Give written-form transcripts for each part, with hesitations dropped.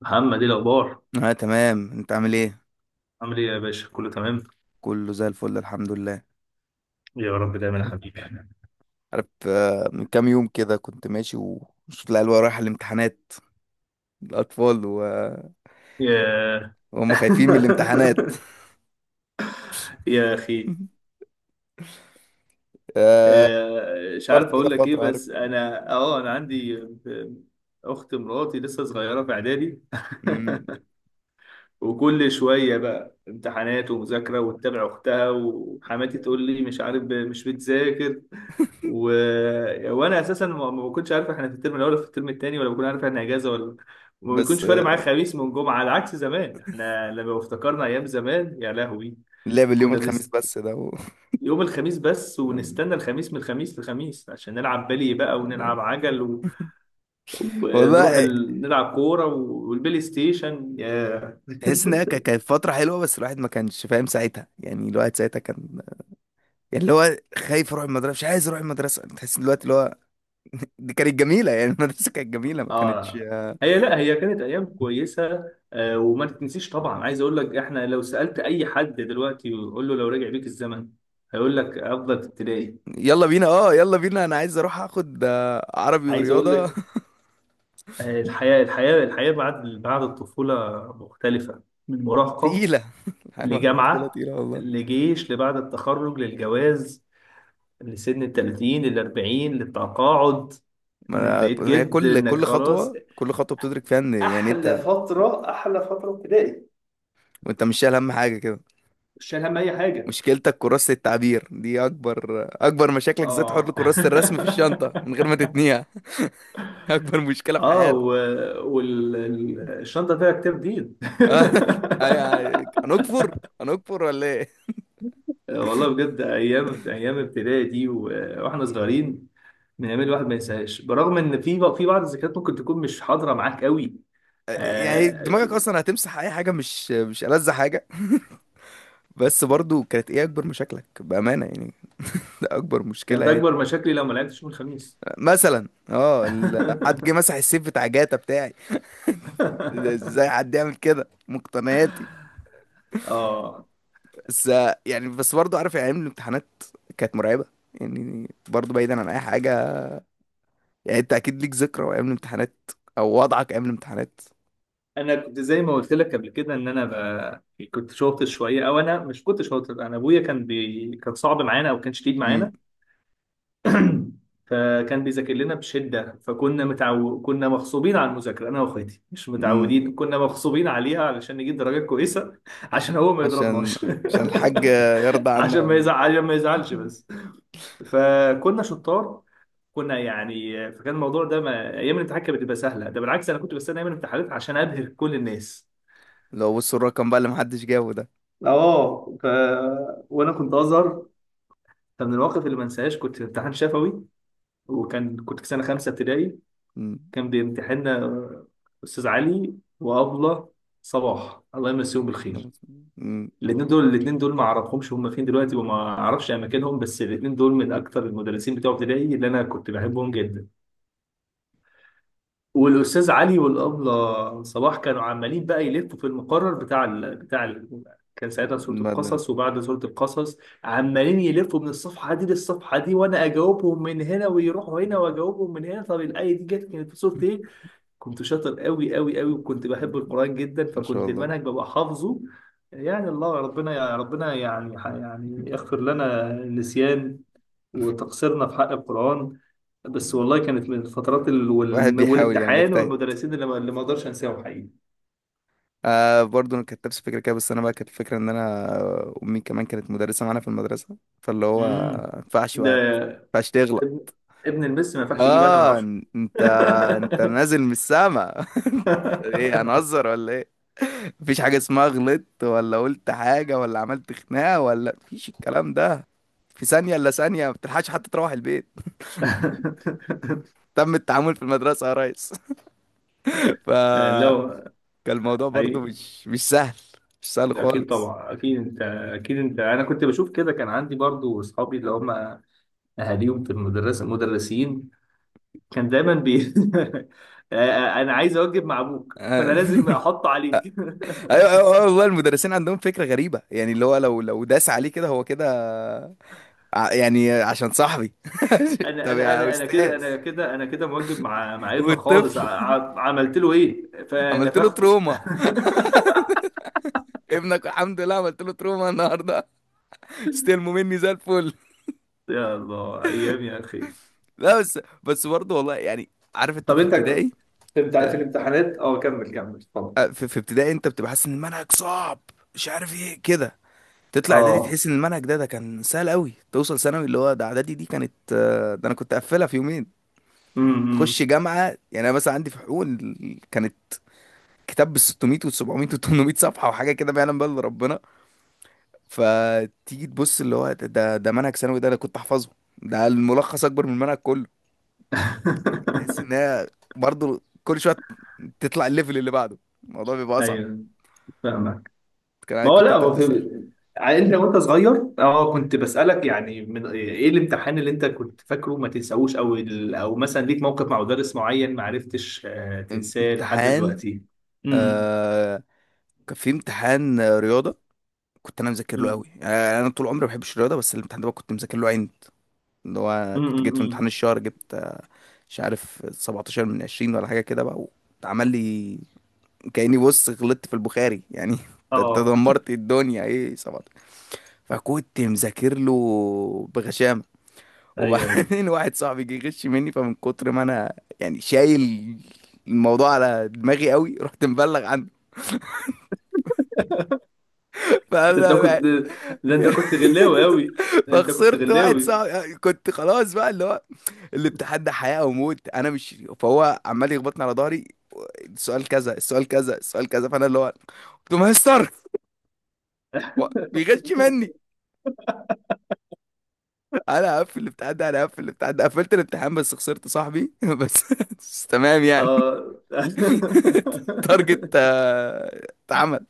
محمد ايه الاخبار؟ اه تمام، انت عامل ايه؟ عامل ايه يا باشا؟ كله تمام. كله زي الفل الحمد لله. يا رب دايما يا حبيبي. عارف، من كام يوم كده كنت ماشي وشفت العيال رايحه الامتحانات، الاطفال يا... وهم خايفين من الامتحانات. يا اخي. آه، آه، مش عارف فكرت كده اقول لك ايه، فتره، عارف. بس انا انا عندي اخت مراتي لسه صغيره في اعدادي. مم، وكل شويه بقى امتحانات ومذاكره، وتتابع اختها، وحماتي تقول لي مش عارف مش بتذاكر و... وانا اساسا ما بكونش عارف احنا في الترم الاول ولا في الترم الثاني، ولا بكون عارف احنا اجازه ولا، وما بيكونش بس، فارق معايا خميس من جمعه. على عكس زمان، احنا لما افتكرنا ايام زمان يا لهوي، اللعب اليوم كنا الخميس بنست... بس ده يوم الخميس بس، ونستنى الخميس من الخميس للخميس عشان نلعب بلي بقى، ونلعب عجل و... ونروح والله نلعب كوره و... والبلاي ستيشن، يا. تحس ان هي كانت فتره حلوه، بس الواحد ما كانش فاهم ساعتها، يعني الواحد ساعتها كان يعني اللي هو خايف يروح المدرسه، مش عايز يروح المدرسه، تحس ان دلوقتي اللي هو دي كانت جميله، يعني المدرسه كانت جميله ما كانتش اه، هي لا، هي كانت ايام كويسه آه، وما تتنسيش طبعا. عايز اقول لك، احنا لو سالت اي حد دلوقتي وقول له لو رجع بيك الزمن هيقول لك افضل ابتدائي. يلا بينا، اه يلا بينا، انا عايز اروح اخد، عربي عايز اقول ورياضه. لك آه، الحياه، الحياه، الحياه بعد، بعد الطفوله مختلفه، من مراهقه تقيله. حاجه الطفوله لجامعه، تقيله والله. لجيش، لبعد التخرج، للجواز، لسن ال 30، لل 40، للتقاعد. انك ما بقيت أنا- هي جد، كل انك كل خلاص. خطوه كل خطوه بتدرك فيها ان يعني احلى انت فتره، احلى فتره ابتدائي. وانت مش شايل هم حاجه كده. مش شايل هم اي حاجه. مشكلتك كراسه التعبير دي اكبر مشاكلك، زي تحط اه. كراسه الرسم في الشنطه من غير ما تتنيها. اكبر مشكله في اه، حياتك. والشنطه فيها كتاب دين. آه، أيوة، هنكفر، هنكفر ولا ايه؟ والله بجد ايام، ايام ابتدائي دي و- واحنا صغيرين، من ايام الواحد ما ينساهاش، برغم ان في في بعض الذكريات ممكن تكون مش حاضره معاك قوي. يعني آه دماغك في- اصلا هتمسح اي حاجه، مش مش ألذ حاجه. بس برضو كانت ايه اكبر مشاكلك بامانه يعني؟ ده اكبر مشكله كانت يعني؟ اكبر مشاكلي لو ما لعبتش يوم الخميس. مثلا اه حد جه مسح السيف بتاع جاتا بتاعي. ازاي حد يعمل كده مقتنياتي؟ اه، بس يعني، بس برضه عارف يعني ايام الامتحانات كانت مرعبه. يعني برضه بعيدا عن اي حاجه، يعني انت اكيد ليك ذكرى ايام الامتحانات او وضعك ايام الامتحانات. انا كنت زي ما قلت لك قبل كده ان انا كنت شاطر شويه، او انا مش كنت شاطر. انا ابويا كان كان صعب معانا، او كان شديد امم. معانا. فكان بيذاكر لنا بشدة، فكنا كنا مغصوبين على المذاكرة، أنا وأخواتي مش امم. متعودين، كنا مغصوبين عليها علشان نجيب درجات كويسة. عشان هو ما عشان، يضربناش. عشان الحاج يرضى عنا. عشان ما يزعلش بس. فكنا شطار، كنا يعني، فكان الموضوع ده ما... أيام الامتحان كانت بتبقى سهلة. ده بالعكس، أنا كنت بستنى أيام الامتحانات عشان أبهر كل الناس. لو بصوا الرقم بقى اللي محدش جابه ده. اه وانا كنت ازهر. فمن المواقف اللي ما انساهاش، كنت في امتحان شفوي، كنت في سنه خمسه ابتدائي. امم. كان بيمتحننا أستاذ علي وأبلة صباح، الله يمسيهم بالخير. امم. الاثنين دول، الاثنين دول ما اعرفهمش هم فين دلوقتي، وما اعرفش اماكنهم، بس الاثنين دول من اكتر المدرسين بتوع ابتدائي اللي انا كنت بحبهم جدا. والاستاذ علي والابله صباح كانوا عمالين بقى يلفوا في المقرر بتاع كان ساعتها سورة ما القصص وبعد سورة القصص، عمالين يلفوا من الصفحة دي للصفحة دي، وأنا أجاوبهم من هنا، ويروحوا هنا وأجاوبهم من هنا. طب الآية دي جت كانت في سورة إيه؟ كنت شاطر قوي قوي قوي، وكنت بحب القرآن جدا، ما فكنت شاء المنهج ببقى حافظه. يعني الله، ربنا يا ربنا، يعني الله. يعني يغفر لنا النسيان وتقصيرنا في حق القرآن. بس والله كانت من الفترات الواحد بيحاول يعني، والامتحان بيجتهد. والمدرسين اللي ما اقدرش انساهم حقيقي. آه برضه انا كانت نفس الفكره كده، بس انا بقى كانت الفكره ان انا امي كمان كانت مدرسه معانا في المدرسه، فاللي هو امم، ما ينفعش ده بقى ما ينفعش ابن، تغلط. ابن المس ما ينفعش يجيب انا من اه، عشرة. انت، انت نازل من السما. ايه هنهزر ولا ايه؟ مفيش حاجه اسمها غلطت ولا قلت حاجه ولا عملت خناقه، ولا مفيش الكلام ده. في ثانيه الا ثانيه، ما بتلحقش حتى تروح البيت، تم التعامل في المدرسه يا ريس. فكان لو الموضوع برضه مش، مش سهل، مش سهل اكيد خالص. طبعا، اكيد انت اكيد انت انا كنت بشوف كده. كان عندي برضو اصحابي اللي هم اهاليهم في المدرسه مدرسين، كان دايما بي. انا عايز اوجب مع ابوك، فانا آه. لازم احط عليك. ايوه ايوه، أيوة، والله المدرسين عندهم فكره غريبه، يعني اللي هو لو داس عليه كده هو كده، يعني عشان صاحبي. انا طب انا يا انا انا كده استاذ، انا كده انا كده موجب مع ابني خالص، والطفل عملت له ايه عملت له فنفخته. تروما، ابنك الحمد لله عملت له تروما النهارده. استلموا مني زي الفل. يا الله، ايام يا اخي. لا بس، بس برضه والله يعني عارف انت طب في انت ك- ابتدائي، في آه، الامتحانات اه، كمل، كمل اتفضل. في في ابتدائي انت بتبقى حاسس ان المنهج صعب، مش عارف ايه كده. تطلع اعدادي اه، تحس ان المنهج ده، كان سهل قوي. توصل ثانوي اللي هو ده، اعدادي دي كانت، ده انا كنت قافلها في يومين. تخش امم. جامعه، يعني انا مثلا عندي في حقوق كانت كتاب بال 600 وال 700 وال 800 صفحه وحاجه كده ما يعلم بها الا ربنا. فتيجي تبص اللي هو ده، ده منهج ثانوي ده انا كنت احفظه. ده الملخص اكبر من المنهج كله. تحس ان هي برضه كل شويه تطلع الليفل اللي بعده، الموضوع بيبقى اصعب. ايوه، فاهمك. كان ما عايز- هو كنت لا انت هو في بتسال انت وانت صغير اه، كنت بسألك يعني، من ايه الامتحان اللي انت كنت فاكره ما تنساهوش، او او مثلا ليك موقف مع مدرس معين ما عرفتش تنساه لحد امتحان. دلوقتي؟ امم، آه، كان في امتحان، رياضه، كنت انا مذاكر له امم، قوي، يعني انا طول عمري ما بحبش الرياضه، بس الامتحان ده بقى كنت مذاكر له عند اللي هو، امم كنت جيت في امتحان أمم. الشهر جبت مش عارف 17 من 20 ولا حاجه كده بقى، واتعمل لي كاني بص غلطت في البخاري يعني. انت، أنت اه، دمرت الدنيا ايه 17. فكنت مذاكر له بغشامه. ايوه، ايوه. وبعدين واحد صاحبي جه يغش مني، فمن كتر ما انا يعني شايل الموضوع على دماغي قوي رحت مبلغ عنه. ده انت كنت فانا ده انت كنت غلاوي قوي. انت كنت فخسرت واحد غلاوي. صاحبي، كنت خلاص بقى اللي هو الامتحان ده حياة أو موت، أنا مش، فهو عمال يخبطني على ظهري، السؤال كذا، السؤال كذا، السؤال كذا، فأنا اللي هو قلت له مستر بيغش مني. أنا هقفل الامتحان ده، أنا هقفل الامتحان ده. قفلت الامتحان بس خسرت صاحبي. بس، بس تمام يعني. اه. تارجت، اتعمل.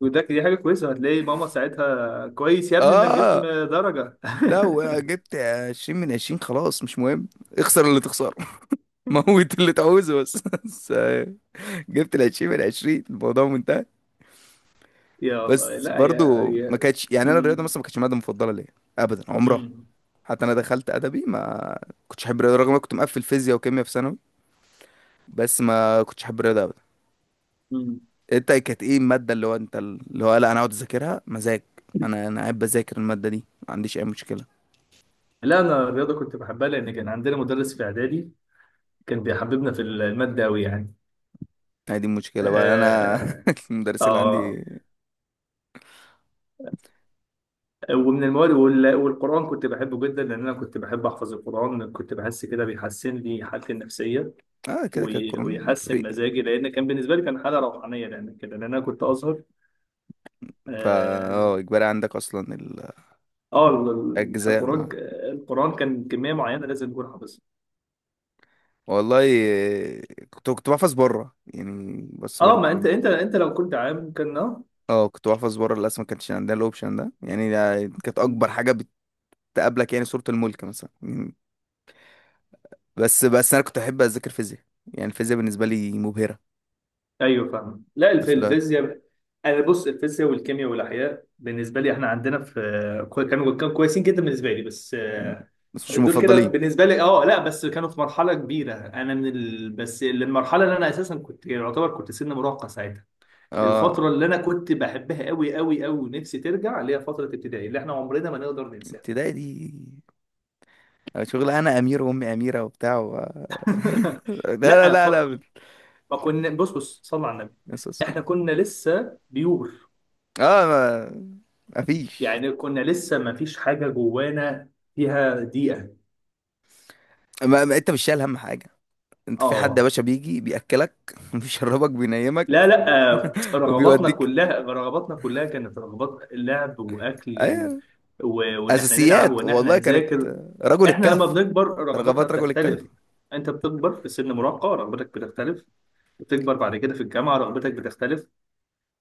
دي حاجه كويسه، هتلاقي ماما ساعتها كويس يا ابني انك جبت اه درجه. لا، وجبت 20 من 20 خلاص مش مهم. اخسر اللي تخسره، موت اللي تعوزه، بس بس جبت ال 20 من 20، الموضوع منتهى. يا الله، بس لا يا، برضو ما يا. كانتش يعني، انا الرياضه مثلا ما كانتش ماده مفضله ليا ابدا عمرها. مم. حتى انا دخلت ادبي، ما كنتش احب الرياضه، رغم إن انا كنت مقفل فيزياء وكيمياء في ثانوي، بس ما كنتش احب الرياضه ابدا. مم. انت كانت ايه الماده اللي هو انت اللي هو، لا انا اقعد اذاكرها مزاج، انا انا قاعد بذاكر الماده دي، ما عنديش اي مشكله؟ لا انا الرياضه كنت بحبها، لان كان عندنا مدرس في اعدادي كان بيحببنا في الماده قوي يعني. هي دي المشكله بقى انا. آه. المدرسين اللي آه. عندي، ومن المواد والقرآن كنت بحبه جدا، لأن أنا كنت بحب أحفظ القرآن، كنت بحس كده بيحسن لي حالتي النفسية اه كده كده كورونا ويحسن فري. مزاجي، لأن كان بالنسبة لي كان حالة روحانية، لأن كده، لأن أنا كنت أزهر. فا اه، آه. اجباري عندك اصلا آه، الاجزاء؟ القرآن، القرآن كان كمية معينة لازم تكون حافظها. والله، آه، كنت بحفظ بره، يعني بس آه، برضه ما أنت دي، أنت أنت لو كنت عام كان آه. اه كنت بحفظ بره للاسف، ما كانش عندنا الاوبشن ده يعني. ده كانت اكبر حاجه بتقابلك، يعني صوره الملك مثلا. مم. بس، بس انا كنت احب اذاكر فيزياء، يعني الفيزياء بالنسبه لي مبهره. ايوه، فاهم. لا، في الفيزياء، انا بص الفيزياء والكيمياء والاحياء بالنسبه لي، احنا عندنا في كانوا، كانوا كويسين جدا بالنسبه لي، بس مم. آه، بس مش دول كده المفضلين. بالنسبه لي اه. لا بس كانوا في مرحله كبيره، انا من بس المرحله اللي انا اساسا كنت يعتبر كنت سن مراهقه ساعتها. اه الفتره اللي انا كنت بحبها قوي قوي قوي ونفسي ترجع اللي هي فتره ابتدائي، اللي احنا عمرنا ما نقدر ننساها. ابتدائي دي شغل انا امير وامي اميره وبتاع لا لا لا لا لا. ما كنا، بص بص صلى على النبي، بس- بس- احنا كنا لسه بيور اه ما... مفيش، يعني، كنا لسه ما فيش حاجة جوانا فيها دقيقة. ما انت مش شايل هم حاجه، انت في حد يا اه، باشا بيجي بياكلك بيشربك لا بينيمك لا آه، وبيوديك. رغباتنا كلها كانت رغبات لعب واكل و... ايوه، و... وان احنا نلعب، اساسيات. وان احنا والله كانت، نذاكر. رجل احنا لما الكهف، بنكبر رغباتنا رغبات رجل الكهف. بتختلف. انت بتكبر في سن مراهقة رغبتك بتختلف. بتكبر بعد كده في الجامعة رغبتك بتختلف.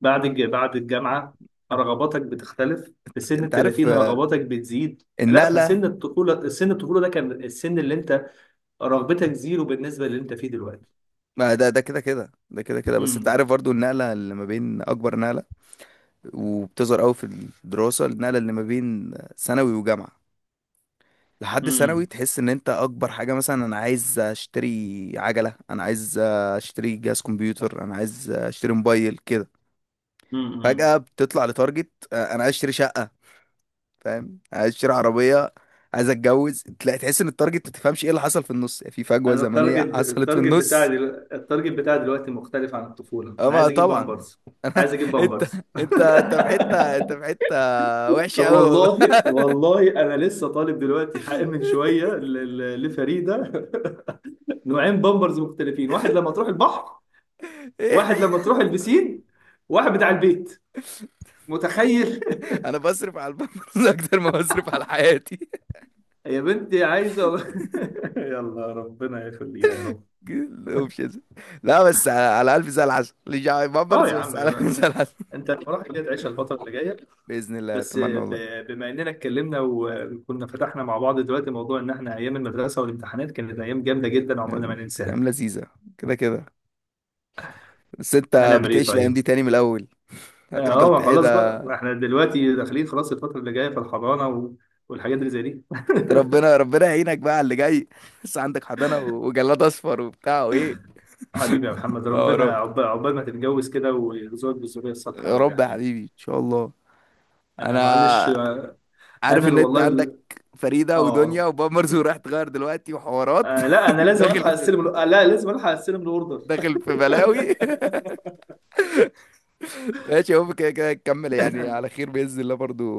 بعد الجامعة رغباتك بتختلف. في سن ال انت عارف، 30 رغباتك بتزيد. لا، النقله، فسن الطفولة، سن الطفولة ده كان السن اللي انت رغبتك زيرو بالنسبه للي انت فيه دلوقتي. ما ده كده كده، ده كده بس انت امم، عارف برضو النقله اللي ما بين، اكبر نقله وبتظهر قوي في الدراسه، النقله اللي ما بين ثانوي وجامعه. لحد ثانوي امم، تحس ان انت اكبر حاجه مثلا انا عايز اشتري عجله، انا عايز اشتري جهاز كمبيوتر، انا عايز اشتري موبايل كده. امم. فجاه بتطلع لتارجت، انا عايز اشتري شقه، فاهم، عايز اشتري عربيه، عايز اتجوز، تلاقي تحس ان التارجت ما تفهمش ايه اللي حصل في النص، في فجوه انا زمنيه التارجت، حصلت في النص. التارجت بتاعي دلوقتي مختلف عن الطفوله. انا اما عايز اجيب طبعا. بامبرز، انا، عايز اجيب انت بامبرز. انت انت في حته، انت في حته وحشه طب قوي والله. والله، والله انا لسه طالب دلوقتي حق من شويه لفريده. نوعين بامبرز مختلفين: واحد لما تروح البحر، واحد لما تروح البسين، واحد بتاع البيت، متخيل؟ انا بصرف على البنبلز اكتر ما بصرف على حياتي. يا بنتي عايزه. يلا ربنا يخليها يا رب. الاوبشنز. لا، بس على، على الف زي العسل، مش على اه بامبرز يا عم، بس، على الف زي العسل. انت الفرح اللي تعيشها الفتره اللي جايه. باذن الله، بس اتمنى والله، بما اننا اتكلمنا وكنا فتحنا مع بعض دلوقتي موضوع ان احنا ايام المدرسه والامتحانات كانت ايام جامده جدا عمرنا ما يعني ننساها، كلام لذيذه كده كده، بس انت هنعمل ايه بتعيش الايام طيب؟ دي تاني من الاول، اه، هتفضل ما تعيد. خلاص بقى، احنا دلوقتي داخلين خلاص الفتره اللي جايه في الحضانه و- والحاجات اللي زي دي. ربنا ربنا يعينك بقى على اللي جاي. لسه عندك حضانة و- وجلاد اصفر وبتاع وايه، حبيبي يا محمد، ربنا حوارات. عقبال ما تتجوز كده ويرزقك بالذريه الصالحه يا يا رب يا رب يا حبيبي. حبيبي، ان شاء الله. انا معلش انا آه، عارف انا ان اللي انت والله عندك ال- فريدة ودنيا اه وبامرز وراح تغير دلوقتي وحوارات. آه، لا انا لازم داخل الحق في، استلم ال- آه، لا لازم الحق استلم الاوردر. داخل في بلاوي. ماشي، هو كده كده نكمل يعني، على خير بإذن الله، برضو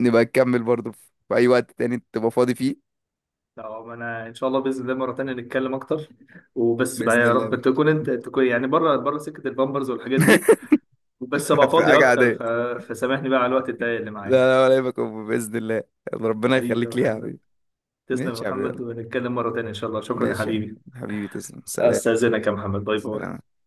نبقى نكمل برضو في في اي وقت تاني تبقى فاضي فيه، لا ما انا ان شاء الله، باذن الله مره تانية نتكلم اكتر، وبس بقى بإذن يا الله. رب تكون انت تكون يعني بره سكه البامبرز والحاجات دي، وبس ابقى في فاضي حاجة اكتر عادية، فسامحني بقى على الوقت الضيق اللي لا معايا. لا، ولا يبقى، بإذن الله. ربنا حبيبي يا يخليك ليها يا محمد، حبيبي. تسلم يا ماشي يا محمد، حبيبي، ونتكلم مره تانية ان شاء الله. شكرا يا ماشي يا حبيبي، حبيبي، تسلم، سلام. استاذنك يا محمد، باي باي. سلام.